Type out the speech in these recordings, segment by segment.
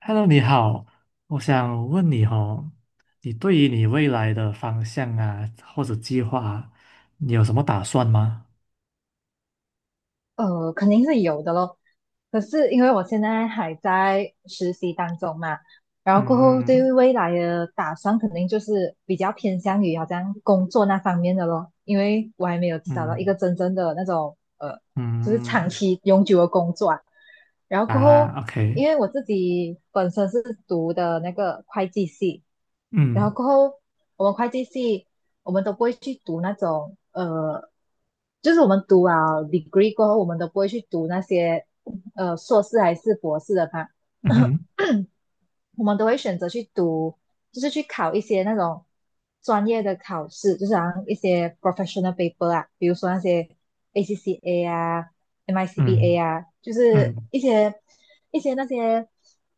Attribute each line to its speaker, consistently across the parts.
Speaker 1: Hello，你好，我想问你哦，你对于你未来的方向啊，或者计划啊，你有什么打算吗？
Speaker 2: 肯定是有的咯。可是因为我现在还在实习当中嘛，然后过后对
Speaker 1: 嗯。
Speaker 2: 于未来的打算肯定就是比较偏向于好像工作那方面的咯，因为我还没有找到一
Speaker 1: 嗯。
Speaker 2: 个真正的那种就是长
Speaker 1: 嗯。
Speaker 2: 期永久的工作啊。然后过
Speaker 1: 啊
Speaker 2: 后，
Speaker 1: ，OK。
Speaker 2: 因为我自己本身是读的那个会计系，然后
Speaker 1: 嗯。
Speaker 2: 过后我们会计系我们都不会去读那种。就是我们读啊 degree 过后，我们都不会去读那些硕士还是博士的吧。
Speaker 1: 嗯 哼。
Speaker 2: 我们都会选择去读，就是去考一些那种专业的考试，就是好像一些 professional paper 啊，比如说那些 ACCA 啊、MICBA
Speaker 1: 嗯。
Speaker 2: 啊，就是
Speaker 1: 嗯。
Speaker 2: 一些一些那些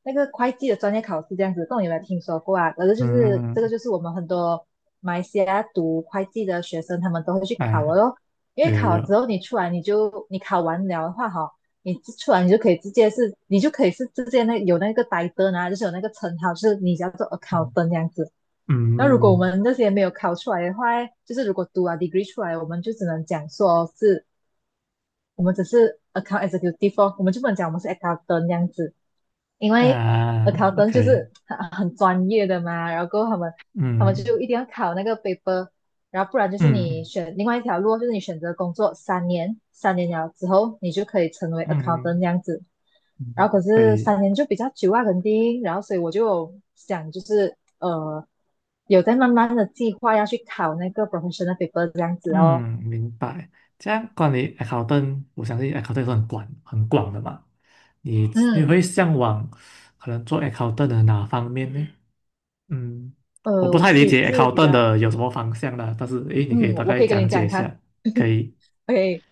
Speaker 2: 那个会计的专业考试这样子，不懂有没有听说过啊？反正就是这个
Speaker 1: 嗯。
Speaker 2: 就是我们很多马来西亚读会计的学生，他们都会去考的
Speaker 1: 啊，
Speaker 2: 咯。因为
Speaker 1: 有有
Speaker 2: 考了之
Speaker 1: 有。
Speaker 2: 后你出来你考完了的话哈、你出来你就可以直接是，你就可以是直接那有那个 i 呆灯啊，就是有那个称号，就是你叫做
Speaker 1: 嗯。
Speaker 2: accountant 这样子。那如果我
Speaker 1: 嗯。
Speaker 2: 们那些没有考出来的话，就是如果读啊 degree 出来，我们就只能讲说是我们只是 account executive，哦我们就不能讲我们是 accountant 这样子，因为
Speaker 1: 啊
Speaker 2: accountant 就
Speaker 1: ，OK。
Speaker 2: 是很专业的嘛。然后他们
Speaker 1: 嗯。
Speaker 2: 就一定要考那个 paper。然后不然就是你
Speaker 1: 嗯。
Speaker 2: 选另外一条路哦，就是你选择工作三年，三年了之后你就可以成为 accountant
Speaker 1: 嗯。
Speaker 2: 这样子。然
Speaker 1: 嗯，
Speaker 2: 后可
Speaker 1: 可
Speaker 2: 是
Speaker 1: 以。
Speaker 2: 三年就比较久啊，肯定，然后所以我就有想就是有在慢慢的计划要去考那个 professional paper 这样子哦。
Speaker 1: 嗯，明白。这样关于 accountant，我相信 accountant 是很广很广的嘛。你
Speaker 2: 嗯。
Speaker 1: 会向往可能做 a c c o u n t 的哪方面呢？嗯，我不
Speaker 2: 我
Speaker 1: 太
Speaker 2: 自
Speaker 1: 理
Speaker 2: 己
Speaker 1: 解 a c c o
Speaker 2: 是
Speaker 1: u n
Speaker 2: 比
Speaker 1: t
Speaker 2: 较
Speaker 1: 的有什么方向啦，但是诶，你可以
Speaker 2: 嗯，
Speaker 1: 大
Speaker 2: 我
Speaker 1: 概
Speaker 2: 可以跟
Speaker 1: 讲
Speaker 2: 你
Speaker 1: 解
Speaker 2: 讲，
Speaker 1: 一
Speaker 2: 你看
Speaker 1: 下，可以。
Speaker 2: ，OK，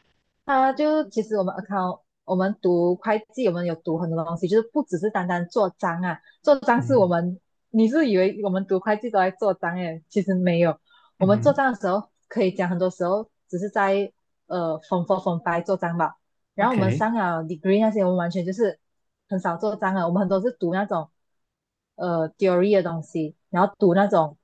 Speaker 2: 啊，就其实我们 account，我们读会计，我们有读很多东西，就是不只是单单做账啊，做账是我
Speaker 1: 嗯。
Speaker 2: 们，你是以为我们读会计都在做账诶，其实没有。我
Speaker 1: 嗯
Speaker 2: 们做
Speaker 1: 哼
Speaker 2: 账的时候可以讲很多时候只是在form four form five 做账吧。然后我们
Speaker 1: ，OK。
Speaker 2: 上了 degree 那些，我们完全就是很少做账啊。我们很多是读那种theory 的东西，然后读那种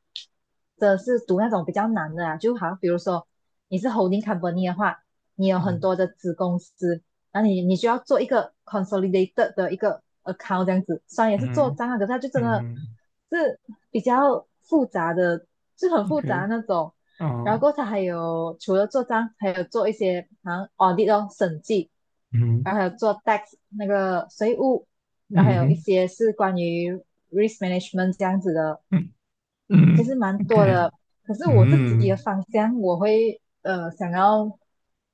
Speaker 2: 真的是读那种比较难的啊，就好像比如说你是 holding company 的话，你有很
Speaker 1: 嗯。
Speaker 2: 多的子公司，然后你你需要做一个 consolidated 的一个 account 这样子，虽然也
Speaker 1: 嗯。
Speaker 2: 是做
Speaker 1: 嗯。
Speaker 2: 账啊，可是它就真
Speaker 1: 嗯
Speaker 2: 的
Speaker 1: 哼
Speaker 2: 是比较复杂的，是很复杂
Speaker 1: ，OK。
Speaker 2: 的那种。然后
Speaker 1: 哦。
Speaker 2: 过它还有除了做账，还有做一些好像 audit 哦审计，
Speaker 1: 嗯。
Speaker 2: 然后还有做 tax 那个税务，然后还
Speaker 1: 嗯
Speaker 2: 有一
Speaker 1: 哼。
Speaker 2: 些是关于 risk management 这样子的，
Speaker 1: 嗯。
Speaker 2: 其实
Speaker 1: 嗯
Speaker 2: 蛮多
Speaker 1: ，OK。
Speaker 2: 的。可是我自己的
Speaker 1: 嗯。
Speaker 2: 方向，我会想要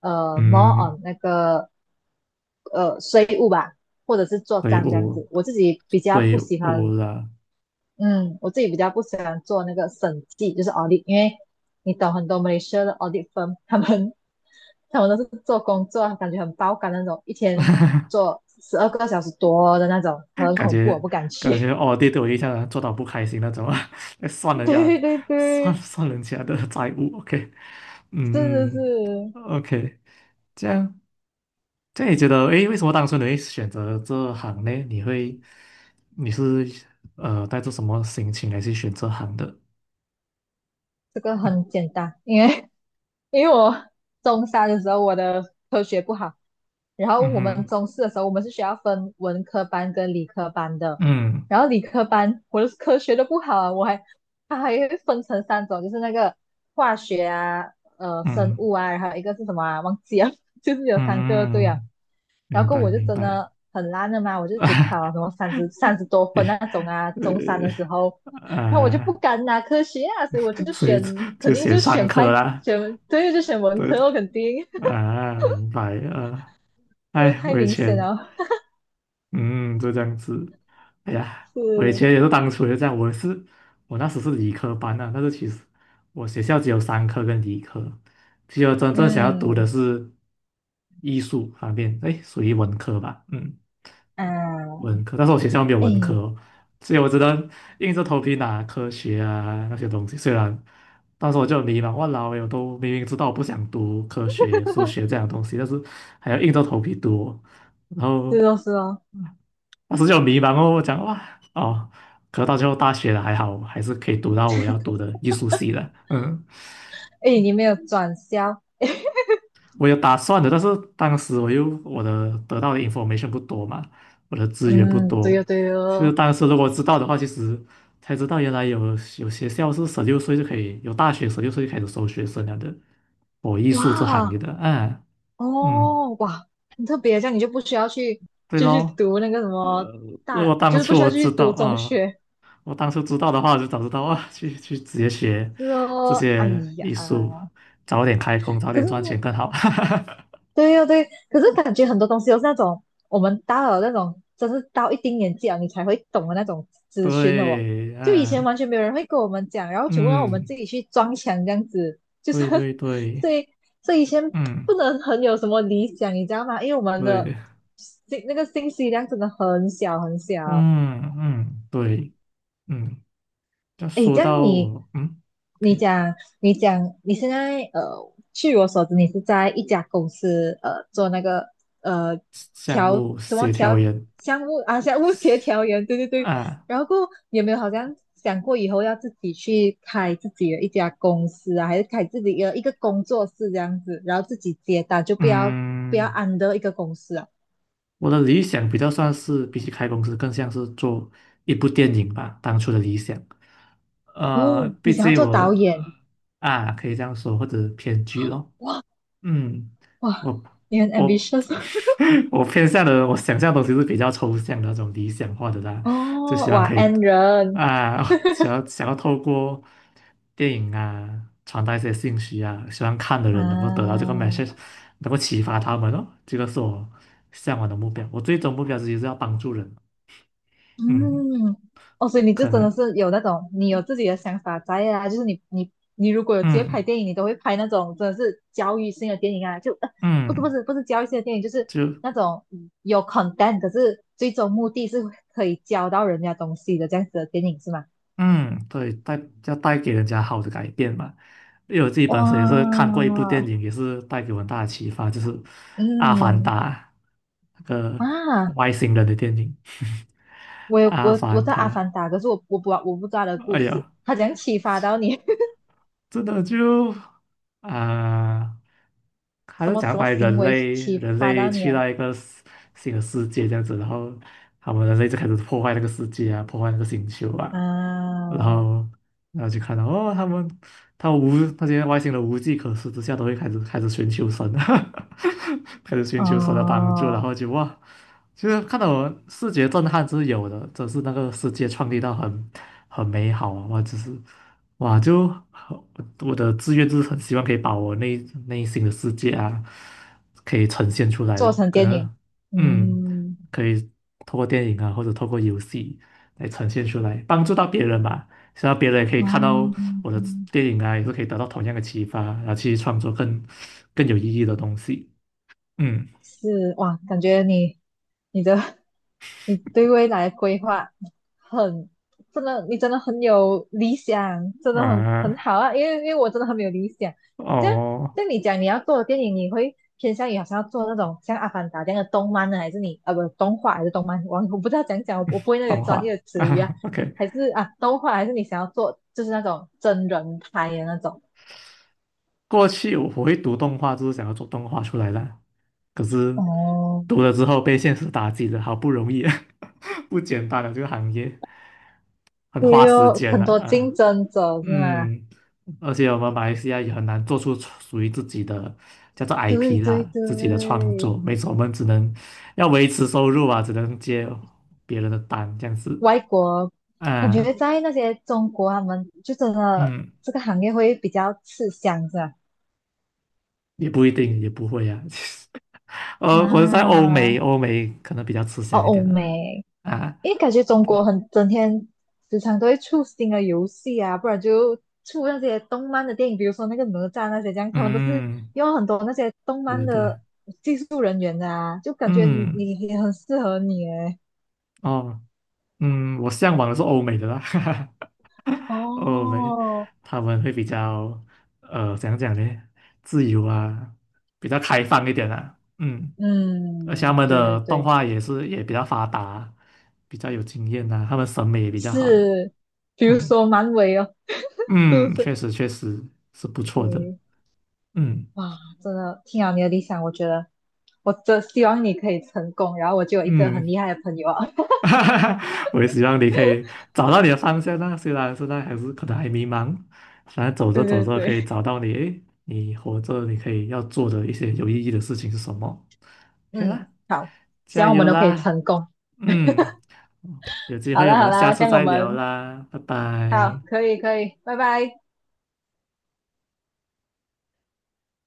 Speaker 2: more
Speaker 1: 嗯。
Speaker 2: on 那个税务吧，或者是做
Speaker 1: 所以
Speaker 2: 账这样
Speaker 1: 我
Speaker 2: 子。我自己比较
Speaker 1: 所以
Speaker 2: 不喜
Speaker 1: 我
Speaker 2: 欢，嗯，我自己比较不喜欢做那个审计，就是 audit，因为你懂很多 Malaysia 的 audit firm，他们都是做工作，感觉很爆肝那种，一天做12个小时多的那种，很
Speaker 1: 感
Speaker 2: 恐怖，我
Speaker 1: 觉
Speaker 2: 不敢
Speaker 1: 感觉
Speaker 2: 去。
Speaker 1: 哦，对对，我印象做到不开心那种啊。算 人家
Speaker 2: 对对
Speaker 1: 算
Speaker 2: 对，
Speaker 1: 算人家的债务，OK。
Speaker 2: 是是
Speaker 1: 嗯
Speaker 2: 是。
Speaker 1: ，OK。这样这样你觉得，诶，为什么当初你会选择这行呢？你是带着什么心情来去选这行的？
Speaker 2: 这个很
Speaker 1: 嗯。
Speaker 2: 简单，因为 因为我中三的时候我的科学不好，然后我
Speaker 1: 嗯
Speaker 2: 们
Speaker 1: 哼。
Speaker 2: 中四的时候我们是需要分文科班跟理科班的，
Speaker 1: 嗯。
Speaker 2: 然后理科班我的科学都不好啊。我还它还会分成3种，就是那个化学啊，呃，生
Speaker 1: 嗯。
Speaker 2: 物啊，然后一个是什么啊，忘记了，就是有3个对啊。
Speaker 1: 嗯，
Speaker 2: 然
Speaker 1: 明
Speaker 2: 后
Speaker 1: 白
Speaker 2: 我就
Speaker 1: 明
Speaker 2: 真
Speaker 1: 白。
Speaker 2: 的很烂的嘛，我就只考了什 么三十多分那
Speaker 1: 对
Speaker 2: 种啊，中三的时候。然后我就不
Speaker 1: 啊，
Speaker 2: 敢拿科学啊，所以我就
Speaker 1: 所
Speaker 2: 选
Speaker 1: 以
Speaker 2: 肯
Speaker 1: 就
Speaker 2: 定
Speaker 1: 写
Speaker 2: 就
Speaker 1: 上
Speaker 2: 选
Speaker 1: 课
Speaker 2: 快
Speaker 1: 啦。
Speaker 2: 选，对，就选文
Speaker 1: 对，
Speaker 2: 科，我肯定
Speaker 1: 啊，明白，啊！
Speaker 2: 这
Speaker 1: 哎，
Speaker 2: 太
Speaker 1: 我以
Speaker 2: 明显
Speaker 1: 前，
Speaker 2: 了。
Speaker 1: 嗯，就这样子。哎呀，我以
Speaker 2: 是，
Speaker 1: 前也是，当初也这样，我也是。我那时是理科班啊，但是其实我学校只有三科跟理科。其实我真正想要读的
Speaker 2: 嗯
Speaker 1: 是艺术方面，哎，属于文科吧，嗯，
Speaker 2: 啊，
Speaker 1: 文科。但是我学校没有文科
Speaker 2: 哎，
Speaker 1: 哦，所以我只能硬着头皮拿科学啊那些东西。虽然当时我就很迷茫，哇老，我都明明知道我不想读科学、数学这 样的东西，但是还要硬着头皮读哦。然
Speaker 2: 是
Speaker 1: 后
Speaker 2: 哦是哦，
Speaker 1: 当时就很迷茫哦，我讲哇。哦，可是到最后大学了还好，还是可以读到我要读的艺术系的。嗯，
Speaker 2: 哎，你没有转校，哎
Speaker 1: 我有打算的，但是当时我得到的 information 不多嘛，我的资源不
Speaker 2: 嗯，对
Speaker 1: 多。
Speaker 2: 哦对
Speaker 1: 其实
Speaker 2: 哦，
Speaker 1: 当时如果知道的话，其实才知道原来有学校是十六岁就可以，有大学十六岁就开始收学生了的，我艺术这行业
Speaker 2: 哇
Speaker 1: 的。嗯。嗯。
Speaker 2: 哦哇，很特别，这样你就不需要去。
Speaker 1: 对
Speaker 2: 继续
Speaker 1: 咯，
Speaker 2: 读那个什
Speaker 1: 呃，
Speaker 2: 么
Speaker 1: 如
Speaker 2: 大，
Speaker 1: 果当
Speaker 2: 就是不
Speaker 1: 初
Speaker 2: 需要
Speaker 1: 我
Speaker 2: 去
Speaker 1: 知道
Speaker 2: 读中
Speaker 1: 啊，
Speaker 2: 学，
Speaker 1: 我当初知道的话，我就早知道啊，去直接学
Speaker 2: 是
Speaker 1: 这
Speaker 2: 哦，哎
Speaker 1: 些
Speaker 2: 呀，
Speaker 1: 艺术，早点开工，早
Speaker 2: 可
Speaker 1: 点
Speaker 2: 是
Speaker 1: 赚钱更好。
Speaker 2: 对呀、对。可是感觉很多东西都是那种我们到了那种，真是到一定年纪了你才会懂的那种资讯的哦。
Speaker 1: 对。
Speaker 2: 就以前
Speaker 1: 嗯。
Speaker 2: 完全没有人会跟我们讲，然后全部让我们
Speaker 1: 嗯，
Speaker 2: 自己去撞墙这样子，就是
Speaker 1: 对对 对。
Speaker 2: 所以所以以前
Speaker 1: 嗯。
Speaker 2: 不能很有什么理想，你知道吗？因为我们的
Speaker 1: 对。
Speaker 2: 信那个信息量真的很小很小。
Speaker 1: 嗯。嗯，对。嗯，要
Speaker 2: 诶，
Speaker 1: 说
Speaker 2: 这样
Speaker 1: 到
Speaker 2: 你，
Speaker 1: 我，嗯
Speaker 2: 你
Speaker 1: ，OK，
Speaker 2: 讲，你讲，你现在据我所知，你是在一家公司做那个呃
Speaker 1: 项
Speaker 2: 调
Speaker 1: 目
Speaker 2: 什么
Speaker 1: 协调
Speaker 2: 调
Speaker 1: 员
Speaker 2: 项目啊，项目协调员，对对对。
Speaker 1: 啊。
Speaker 2: 然后过后你有没有好像想过以后要自己去开自己的一家公司啊，还是开自己的一个工作室这样子，然后自己接单，就不要
Speaker 1: 嗯。
Speaker 2: under 一个公司啊？
Speaker 1: 我的理想比较算是比起开公司，更像是做一部电影吧，当初的理想。
Speaker 2: 哦，你
Speaker 1: 毕
Speaker 2: 想要
Speaker 1: 竟
Speaker 2: 做
Speaker 1: 我
Speaker 2: 导演，
Speaker 1: 啊，可以这样说，或者偏剧咯。嗯，
Speaker 2: 哇，
Speaker 1: 我
Speaker 2: 你很
Speaker 1: 我
Speaker 2: ambitious
Speaker 1: 我偏向的，我想象的东西是比较抽象的那种理想化的 啦，就
Speaker 2: 哦，
Speaker 1: 希望
Speaker 2: 哇
Speaker 1: 可以
Speaker 2: ，N 人。
Speaker 1: 啊，想要透过电影啊传达一些信息啊，希望看的人能够得到这
Speaker 2: 啊，
Speaker 1: 个 message，能够启发他们哦，这个是我向往的目标。我最终目标其实是要帮助人。嗯。
Speaker 2: 嗯，哦，所以你
Speaker 1: 可
Speaker 2: 就真
Speaker 1: 能。
Speaker 2: 的是有那种，你有自己的想法在啊，就是你你你如果有机会拍
Speaker 1: 嗯。
Speaker 2: 电影，你都会拍那种真的是教育性的电影啊，就不是不
Speaker 1: 嗯。
Speaker 2: 是不是教育性的电影，就是
Speaker 1: 就。
Speaker 2: 那种有 content，可是最终目的是可以教到人家东西的这样子的电影是吗？
Speaker 1: 嗯，对，要带给人家好的改变嘛。因为我自己本身也是
Speaker 2: 哇，
Speaker 1: 看过一部电影，也是带给我很大的启发，就是《阿凡
Speaker 2: 嗯
Speaker 1: 达》那个
Speaker 2: 啊，
Speaker 1: 外星人的电影。
Speaker 2: 我 有
Speaker 1: 《阿
Speaker 2: 我我
Speaker 1: 凡
Speaker 2: 在
Speaker 1: 达》。
Speaker 2: 《阿凡达》，可是我不知道它的故
Speaker 1: 哎
Speaker 2: 事，
Speaker 1: 呀，
Speaker 2: 他怎样启发到你？
Speaker 1: 真的就啊、还
Speaker 2: 什
Speaker 1: 是
Speaker 2: 么
Speaker 1: 讲
Speaker 2: 什么
Speaker 1: 把
Speaker 2: 行
Speaker 1: 人
Speaker 2: 为
Speaker 1: 类
Speaker 2: 启
Speaker 1: 人
Speaker 2: 发
Speaker 1: 类
Speaker 2: 到你
Speaker 1: 去
Speaker 2: 了？
Speaker 1: 到一个新的世界这样子。然后他们人类就开始破坏那个世界啊，破坏那个星球啊，然
Speaker 2: 嗯，
Speaker 1: 后然后就看到哦，他们他无那些外星人无计可施之下，都会开始寻求神啊，开始寻求神的帮助，然
Speaker 2: 哦，
Speaker 1: 后就哇。其实看到我视觉震撼是有的，只是那个世界创立到很美好啊。我只是哇，就很，我的志愿就是很希望可以把我内心的世界啊，可以呈现出来
Speaker 2: 做
Speaker 1: 咯。
Speaker 2: 成
Speaker 1: 可
Speaker 2: 电影，
Speaker 1: 能嗯，
Speaker 2: 嗯，
Speaker 1: 可以透过电影啊，或者透过游戏来呈现出来，帮助到别人吧，希望别人也可以看到
Speaker 2: 嗯，
Speaker 1: 我的电影啊，也是可以得到同样的启发，然后去创作更有意义的东西。嗯。
Speaker 2: 是哇，感觉你你的 你对未来的规划很真的，你真的很有理想，真的很
Speaker 1: 啊。
Speaker 2: 好啊。因为我真的很没有理想。这样，
Speaker 1: 哦，
Speaker 2: 像你讲你要做的电影，你会偏向于好像要做那种像《阿凡达》这样的动漫呢，还是你啊不动画还是动漫？我不知道讲讲，我不会那个
Speaker 1: 动
Speaker 2: 专
Speaker 1: 画
Speaker 2: 业的词语啊。
Speaker 1: 啊 ，OK。
Speaker 2: 还是啊动画，还是你想要做就是那种真人拍的那种？
Speaker 1: 过去我会读动画，就是想要做动画出来的，可是
Speaker 2: 哦，
Speaker 1: 读了之后被现实打击的，好不容易。不简单的这个行业，很花
Speaker 2: 对
Speaker 1: 时
Speaker 2: 哦，
Speaker 1: 间的
Speaker 2: 很多竞
Speaker 1: 啊。
Speaker 2: 争者是吗？
Speaker 1: 嗯，而且我们马来西亚也很难做出属于自己的叫做
Speaker 2: 对
Speaker 1: IP
Speaker 2: 对
Speaker 1: 啦，
Speaker 2: 对，
Speaker 1: 自己的创作，没错，我们只能要维持收入啊，只能接别人的单这样子。
Speaker 2: 外国感觉
Speaker 1: 啊。
Speaker 2: 在那些中国，他们就真的
Speaker 1: 嗯。
Speaker 2: 这个行业会比较吃香，是吧？
Speaker 1: 也不一定，也不会啊。我是在欧美，
Speaker 2: 啊，
Speaker 1: 欧美可能比较吃
Speaker 2: 哦，
Speaker 1: 香一
Speaker 2: 欧
Speaker 1: 点的
Speaker 2: 美，
Speaker 1: 啊。
Speaker 2: 因为感觉中国很整天时常都会出新的游戏啊，不然就出那些动漫的电影，比如说那个哪吒那些这样，他们都是
Speaker 1: 嗯，
Speaker 2: 用很多那些动
Speaker 1: 对
Speaker 2: 漫
Speaker 1: 对对。
Speaker 2: 的技术人员的啊，就感觉你
Speaker 1: 嗯。
Speaker 2: 你也很适合你诶。
Speaker 1: 哦。嗯，我向往的是欧美的啦。哈哈，欧美
Speaker 2: 哦，
Speaker 1: 他们会比较怎样讲呢？自由啊，比较开放一点啊。嗯，而且他
Speaker 2: 嗯，
Speaker 1: 们
Speaker 2: 对对
Speaker 1: 的动
Speaker 2: 对。
Speaker 1: 画也比较发达，比较有经验呐、他们审美也比较好。
Speaker 2: 是，比如
Speaker 1: 嗯。
Speaker 2: 说蛮伟哦，是不
Speaker 1: 嗯，
Speaker 2: 是？
Speaker 1: 确实确实是不错的。
Speaker 2: 对，
Speaker 1: 嗯。
Speaker 2: 哇，真的听了你的理想，我觉得我真希望你可以成功，然后我就有一个很
Speaker 1: 嗯。
Speaker 2: 厉害的朋友啊。
Speaker 1: 哈哈哈，我也希望你可以找到你的方向啊，虽然现在还是可能还迷茫，反正走着
Speaker 2: 对
Speaker 1: 走
Speaker 2: 对
Speaker 1: 着可
Speaker 2: 对，
Speaker 1: 以找到你，诶，你活着你可以要做的一些有意义的事情是什么，可以
Speaker 2: 嗯，
Speaker 1: 啦，
Speaker 2: 好，希
Speaker 1: 加
Speaker 2: 望我们
Speaker 1: 油
Speaker 2: 都可以
Speaker 1: 啦。
Speaker 2: 成功。
Speaker 1: 嗯，有机
Speaker 2: 好
Speaker 1: 会我
Speaker 2: 啦好
Speaker 1: 们下
Speaker 2: 啦，这
Speaker 1: 次
Speaker 2: 样我
Speaker 1: 再聊
Speaker 2: 们
Speaker 1: 啦，拜
Speaker 2: 好，
Speaker 1: 拜。
Speaker 2: 可以可以，拜拜。